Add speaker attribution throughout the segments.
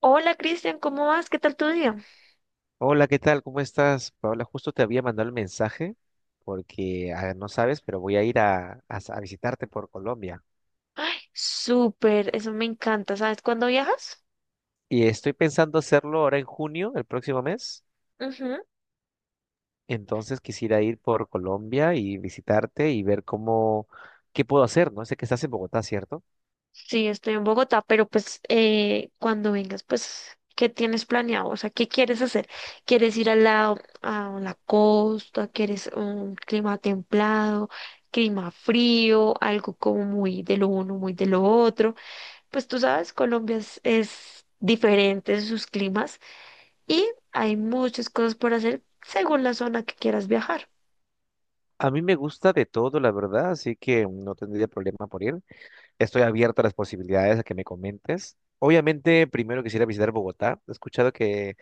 Speaker 1: Hola Cristian, ¿cómo vas? ¿Qué tal tu día?
Speaker 2: Hola, ¿qué tal? ¿Cómo estás? Paola, justo te había mandado el mensaje porque no sabes, pero voy a ir a visitarte por Colombia.
Speaker 1: Ay, súper, eso me encanta. ¿Sabes cuándo viajas?
Speaker 2: Y estoy pensando hacerlo ahora en junio, el próximo mes.
Speaker 1: Ujú.
Speaker 2: Entonces quisiera ir por Colombia y visitarte y ver cómo, qué puedo hacer, ¿no? Sé que estás en Bogotá, ¿cierto?
Speaker 1: Sí, estoy en Bogotá, pero pues cuando vengas, pues, ¿qué tienes planeado? O sea, ¿qué quieres hacer? ¿Quieres ir al lado, a la costa? ¿Quieres un clima templado, clima frío, algo como muy de lo uno, muy de lo otro? Pues tú sabes, Colombia es diferente en sus climas y hay muchas cosas por hacer según la zona que quieras viajar.
Speaker 2: A mí me gusta de todo, la verdad, así que no tendría problema por ir. Estoy abierto a las posibilidades a que me comentes. Obviamente, primero quisiera visitar Bogotá. He escuchado que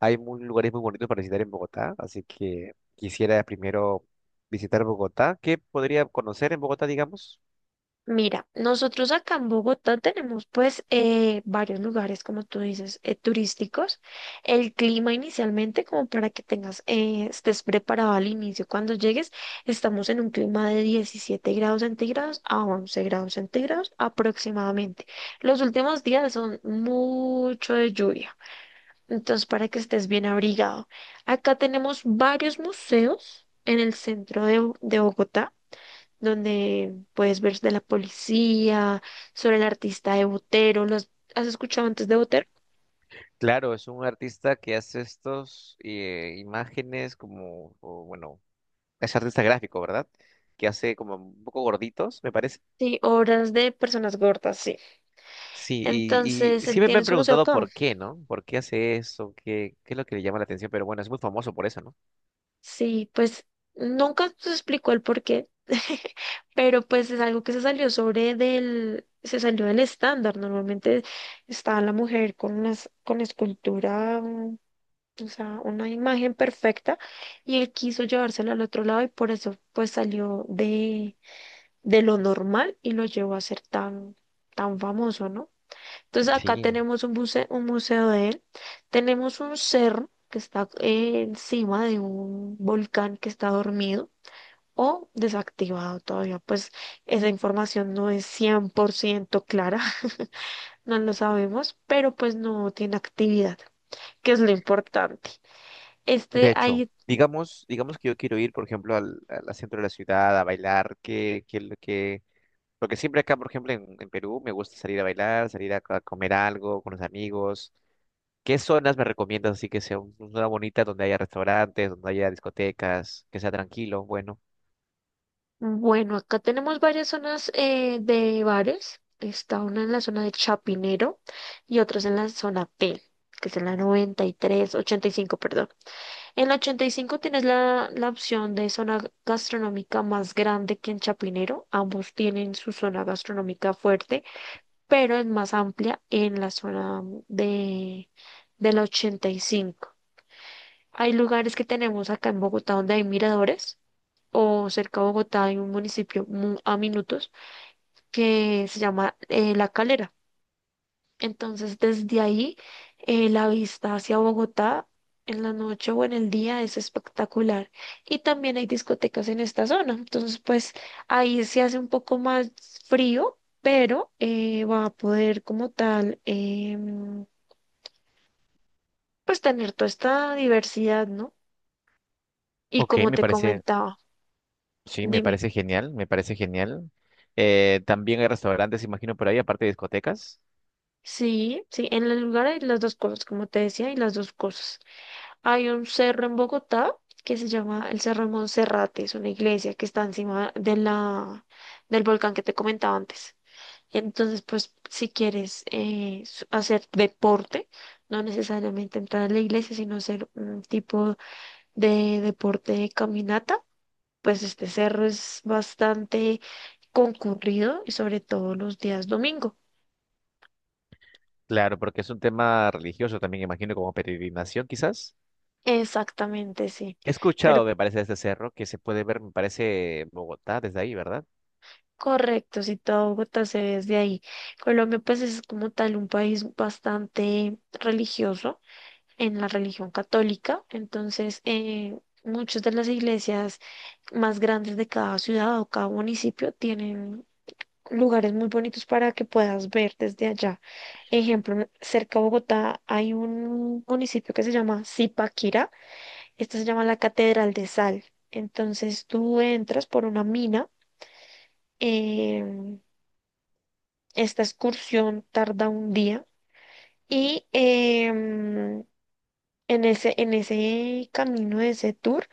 Speaker 2: hay lugares muy bonitos para visitar en Bogotá, así que quisiera primero visitar Bogotá. ¿Qué podría conocer en Bogotá, digamos?
Speaker 1: Mira, nosotros acá en Bogotá tenemos pues varios lugares, como tú dices, turísticos. El clima inicialmente, como para que estés preparado al inicio. Cuando llegues, estamos en un clima de 17 grados centígrados a 11 grados centígrados aproximadamente. Los últimos días son mucho de lluvia, entonces para que estés bien abrigado. Acá tenemos varios museos en el centro de Bogotá donde puedes ver de la policía, sobre el artista de Botero, ¿los has escuchado antes de Botero?
Speaker 2: Claro, es un artista que hace estos imágenes como, o, bueno, es artista gráfico, ¿verdad? Que hace como un poco gorditos, me parece.
Speaker 1: Sí, obras de personas gordas, sí.
Speaker 2: Sí, y
Speaker 1: Entonces,
Speaker 2: sí
Speaker 1: él
Speaker 2: me
Speaker 1: tiene
Speaker 2: han
Speaker 1: su museo
Speaker 2: preguntado
Speaker 1: acá.
Speaker 2: por qué, ¿no? ¿Por qué hace eso? ¿Qué es lo que le llama la atención? Pero bueno, es muy famoso por eso, ¿no?
Speaker 1: Sí, pues nunca se explicó el por qué, pero pues es algo que se salió del estándar. Normalmente está la mujer con escultura, o sea, una imagen perfecta, y él quiso llevársela al otro lado y por eso pues salió de lo normal y lo llevó a ser tan, tan famoso, ¿no? Entonces acá
Speaker 2: Sí,
Speaker 1: tenemos un museo de él, tenemos un cerro que está encima de un volcán que está dormido o desactivado todavía, pues esa información no es 100% clara, no lo sabemos, pero pues no tiene actividad, que es lo importante.
Speaker 2: de
Speaker 1: Este,
Speaker 2: hecho,
Speaker 1: ahí
Speaker 2: digamos que yo quiero ir, por ejemplo, al centro de la ciudad a bailar, porque siempre acá, por ejemplo, en Perú me gusta salir a bailar, salir a comer algo con los amigos. ¿Qué zonas me recomiendas así que sea una zona bonita donde haya restaurantes, donde haya discotecas, que sea tranquilo? Bueno,
Speaker 1: Bueno, acá tenemos varias zonas de bares. Está una en la zona de Chapinero y otras en la zona P, que es en la 93 85, perdón. En la 85 tienes la opción de zona gastronómica más grande que en Chapinero. Ambos tienen su zona gastronómica fuerte, pero es más amplia en la zona de, de la 85. Hay lugares que tenemos acá en Bogotá donde hay miradores o cerca de Bogotá hay un municipio a minutos que se llama La Calera. Entonces, desde ahí, la vista hacia Bogotá en la noche o en el día es espectacular. Y también hay discotecas en esta zona. Entonces, pues ahí se hace un poco más frío, pero va a poder como tal, em, pues tener toda esta diversidad, ¿no? Y
Speaker 2: ok,
Speaker 1: como
Speaker 2: me
Speaker 1: te
Speaker 2: parece,
Speaker 1: comentaba,
Speaker 2: sí, me
Speaker 1: dime.
Speaker 2: parece genial, me parece genial. También hay restaurantes, imagino, por ahí, aparte de discotecas.
Speaker 1: Sí, sí, en el lugar hay las dos cosas, como te decía, y las dos cosas. Hay un cerro en Bogotá que se llama el Cerro de Monserrate, es una iglesia que está encima de la, del volcán que te comentaba antes. Entonces, pues si quieres hacer deporte, no necesariamente entrar a la iglesia, sino hacer un tipo de deporte de caminata, pues este cerro es bastante concurrido y sobre todo los días domingo.
Speaker 2: Claro, porque es un tema religioso también, imagino, como peregrinación, quizás.
Speaker 1: Exactamente, sí.
Speaker 2: He
Speaker 1: Pero
Speaker 2: escuchado, me parece, de este cerro que se puede ver, me parece, Bogotá desde ahí, ¿verdad?
Speaker 1: correcto, si toda Bogotá se ve desde ahí. Colombia, pues es como tal un país bastante religioso en la religión católica, entonces muchas de las iglesias más grandes de cada ciudad o cada municipio tienen lugares muy bonitos para que puedas ver desde allá. Ejemplo, cerca de Bogotá hay un municipio que se llama Zipaquirá, esta se llama la Catedral de Sal. Entonces tú entras por una mina. em, Esta excursión tarda un día y en ese camino, de ese tour,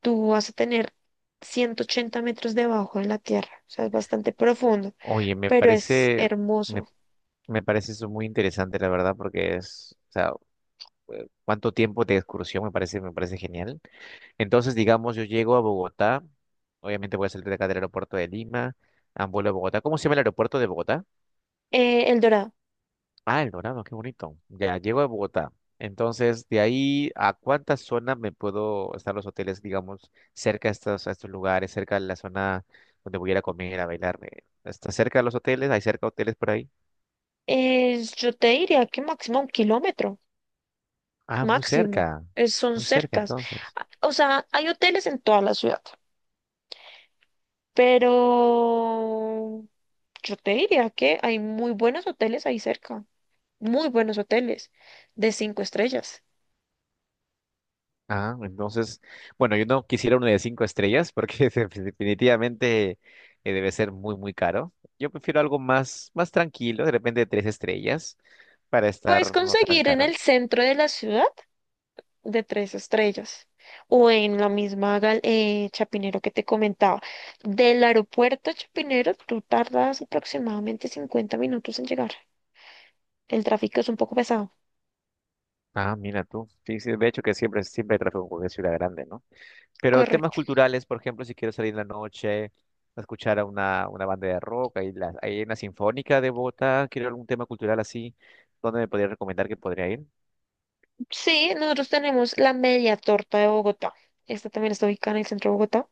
Speaker 1: tú vas a tener 180 metros debajo de la tierra, o sea, es bastante profundo,
Speaker 2: Oye, me
Speaker 1: pero es
Speaker 2: parece, me,
Speaker 1: hermoso.
Speaker 2: me parece eso muy interesante, la verdad, porque es, o sea, cuánto tiempo de excursión me parece genial. Entonces, digamos, yo llego a Bogotá, obviamente voy a salir de acá del aeropuerto de Lima, ah, vuelo a Bogotá. ¿Cómo se llama el aeropuerto de Bogotá?
Speaker 1: El Dorado,
Speaker 2: Ah, El Dorado, qué bonito. Ya llego a Bogotá. Entonces, de ahí, ¿a cuántas zonas me puedo estar los hoteles, digamos, cerca a estos lugares, cerca de la zona donde voy a ir a comer, a bailar? ¿Está cerca de los hoteles? ¿Hay cerca hoteles por ahí?
Speaker 1: es- yo te diría que máximo un kilómetro,
Speaker 2: Ah, muy
Speaker 1: máximo,
Speaker 2: cerca.
Speaker 1: es- son
Speaker 2: Muy cerca,
Speaker 1: cercas.
Speaker 2: entonces.
Speaker 1: Ah, o sea, hay hoteles en toda la ciudad, pero yo te diría que hay muy buenos hoteles ahí cerca. Muy buenos hoteles de cinco estrellas.
Speaker 2: Ah, entonces, bueno, yo no quisiera uno de cinco estrellas porque definitivamente debe ser muy, muy caro. Yo prefiero algo más, más tranquilo, de repente de tres estrellas, para
Speaker 1: Puedes
Speaker 2: estar no tan
Speaker 1: conseguir en
Speaker 2: caro.
Speaker 1: el centro de la ciudad de tres estrellas o en la misma Chapinero que te comentaba. Del aeropuerto a Chapinero tú tardas aproximadamente 50 minutos en llegar. El tráfico es un poco pesado.
Speaker 2: Ah, mira tú. Sí, sí, de hecho que siempre, siempre hay tráfico en cualquier ciudad grande, ¿no? Pero temas
Speaker 1: Correcto.
Speaker 2: culturales, por ejemplo, si quiero salir en la noche a escuchar a una banda de rock, hay una sinfónica de Bogotá, quiero algún tema cultural así, ¿dónde me podrías recomendar que podría ir?
Speaker 1: Sí, nosotros tenemos la media torta de Bogotá. Esta también está ubicada en el centro de Bogotá.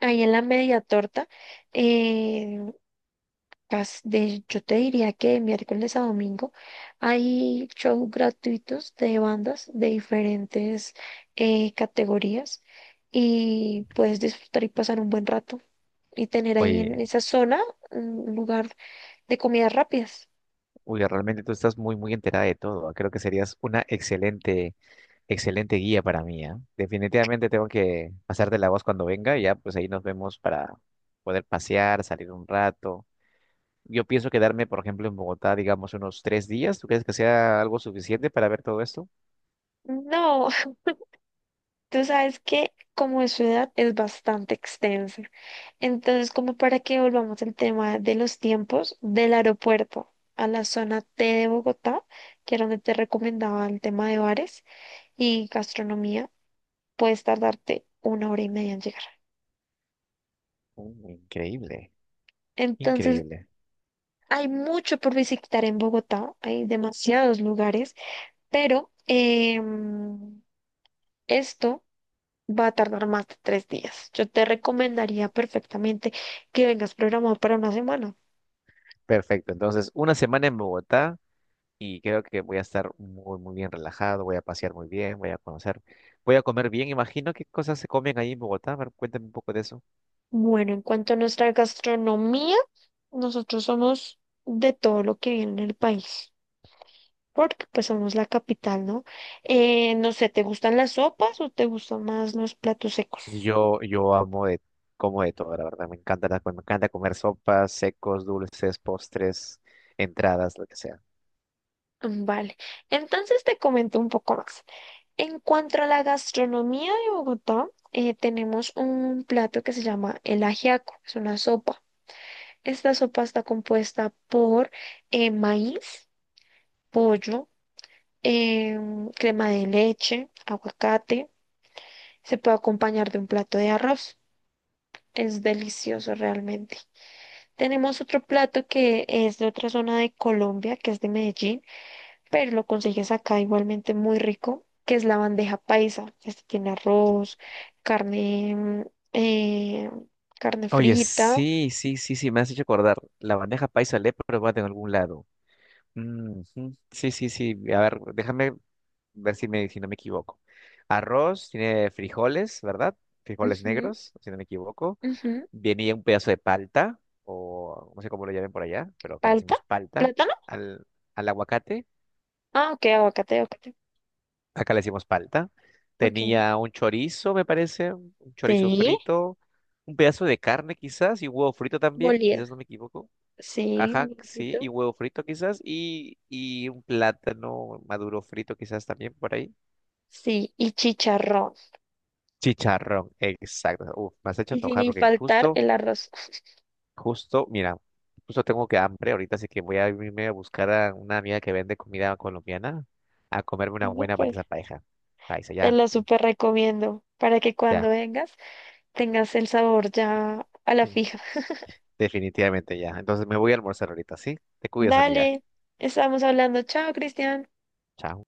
Speaker 1: Ahí en la media torta eh, yo te diría que miércoles a domingo hay shows gratuitos de bandas de diferentes categorías y puedes disfrutar y pasar un buen rato y tener ahí en
Speaker 2: Oye,
Speaker 1: esa zona un lugar de comidas rápidas.
Speaker 2: oye, realmente tú estás muy, muy enterada de todo, ¿eh? Creo que serías una excelente, excelente guía para mí, ¿ah? Definitivamente tengo que pasarte la voz cuando venga y ya, pues ahí nos vemos para poder pasear, salir un rato. Yo pienso quedarme, por ejemplo, en Bogotá, digamos, unos tres días. ¿Tú crees que sea algo suficiente para ver todo esto?
Speaker 1: No, tú sabes que como es ciudad es bastante extensa. Entonces, como para que volvamos al tema de los tiempos del aeropuerto a la zona T de Bogotá, que era donde te recomendaba el tema de bares y gastronomía, puedes tardarte una hora y media en llegar.
Speaker 2: Mm, increíble,
Speaker 1: Entonces,
Speaker 2: increíble.
Speaker 1: hay mucho por visitar en Bogotá, hay demasiados lugares, pero esto va a tardar más de 3 días. Yo te recomendaría perfectamente que vengas programado para una semana.
Speaker 2: Perfecto. Entonces, una semana en Bogotá y creo que voy a estar muy, muy bien relajado, voy a pasear muy bien, voy a conocer, voy a comer bien. Imagino qué cosas se comen ahí en Bogotá. A ver, cuéntame un poco de eso.
Speaker 1: Bueno, en cuanto a nuestra gastronomía, nosotros somos de todo lo que viene en el país, porque pues somos la capital, ¿no? No sé, ¿te gustan las sopas o te gustan más los platos secos?
Speaker 2: Yo amo de, como de todo, la verdad. Me encanta, me encanta comer sopas, secos, dulces, postres, entradas, lo que sea.
Speaker 1: Mm, vale, entonces te comento un poco más. En cuanto a la gastronomía de Bogotá, tenemos un plato que se llama el ajiaco, es una sopa. Esta sopa está compuesta por maíz, pollo, crema de leche, aguacate. Se puede acompañar de un plato de arroz. Es delicioso realmente. Tenemos otro plato que es de otra zona de Colombia, que es de Medellín, pero lo consigues acá igualmente muy rico, que es la bandeja paisa. Este tiene arroz, carne, eh, carne
Speaker 2: Oye,
Speaker 1: frita,
Speaker 2: sí, sí, sí, sí, me has hecho acordar. La bandeja paisa le he probado en algún lado. Mm, ujú. Sí, sí, sí. A ver, déjame ver si no me equivoco. Arroz, tiene frijoles, ¿verdad? Frijoles
Speaker 1: ujú,
Speaker 2: negros, si no me equivoco.
Speaker 1: ujú,
Speaker 2: Venía un pedazo de palta, o no sé cómo lo llamen por allá, pero acá le
Speaker 1: palta,
Speaker 2: decimos palta.
Speaker 1: plátano.
Speaker 2: Al, al aguacate,
Speaker 1: Ah, ok, aguacate, aguacate.
Speaker 2: acá le decimos palta.
Speaker 1: Ok.
Speaker 2: Tenía un chorizo, me parece, un chorizo
Speaker 1: Sí,
Speaker 2: frito, un pedazo de carne quizás, y huevo frito también,
Speaker 1: molida.
Speaker 2: quizás no me equivoco.
Speaker 1: Sí,
Speaker 2: Ajá,
Speaker 1: un
Speaker 2: sí, y
Speaker 1: poquito.
Speaker 2: huevo frito quizás, y un plátano maduro frito quizás también por ahí.
Speaker 1: Sí, y chicharrón.
Speaker 2: Chicharrón, exacto. Uf, me has hecho
Speaker 1: Y
Speaker 2: antojar
Speaker 1: sin
Speaker 2: porque
Speaker 1: faltar
Speaker 2: justo,
Speaker 1: el arroz.
Speaker 2: justo, mira, justo tengo que hambre ahorita, así que voy a irme a buscar a una amiga que vende comida colombiana a comerme una buena para
Speaker 1: Súper.
Speaker 2: esa pareja. Ahí está,
Speaker 1: Te
Speaker 2: ya,
Speaker 1: lo súper recomiendo para que
Speaker 2: ya,
Speaker 1: cuando vengas tengas el sabor ya a la
Speaker 2: es-
Speaker 1: fija.
Speaker 2: definitivamente ya. Entonces me voy a almorzar ahorita, ¿sí? Te cuidas, amiga.
Speaker 1: Dale, estamos hablando. Chao, Cristian.
Speaker 2: Chao.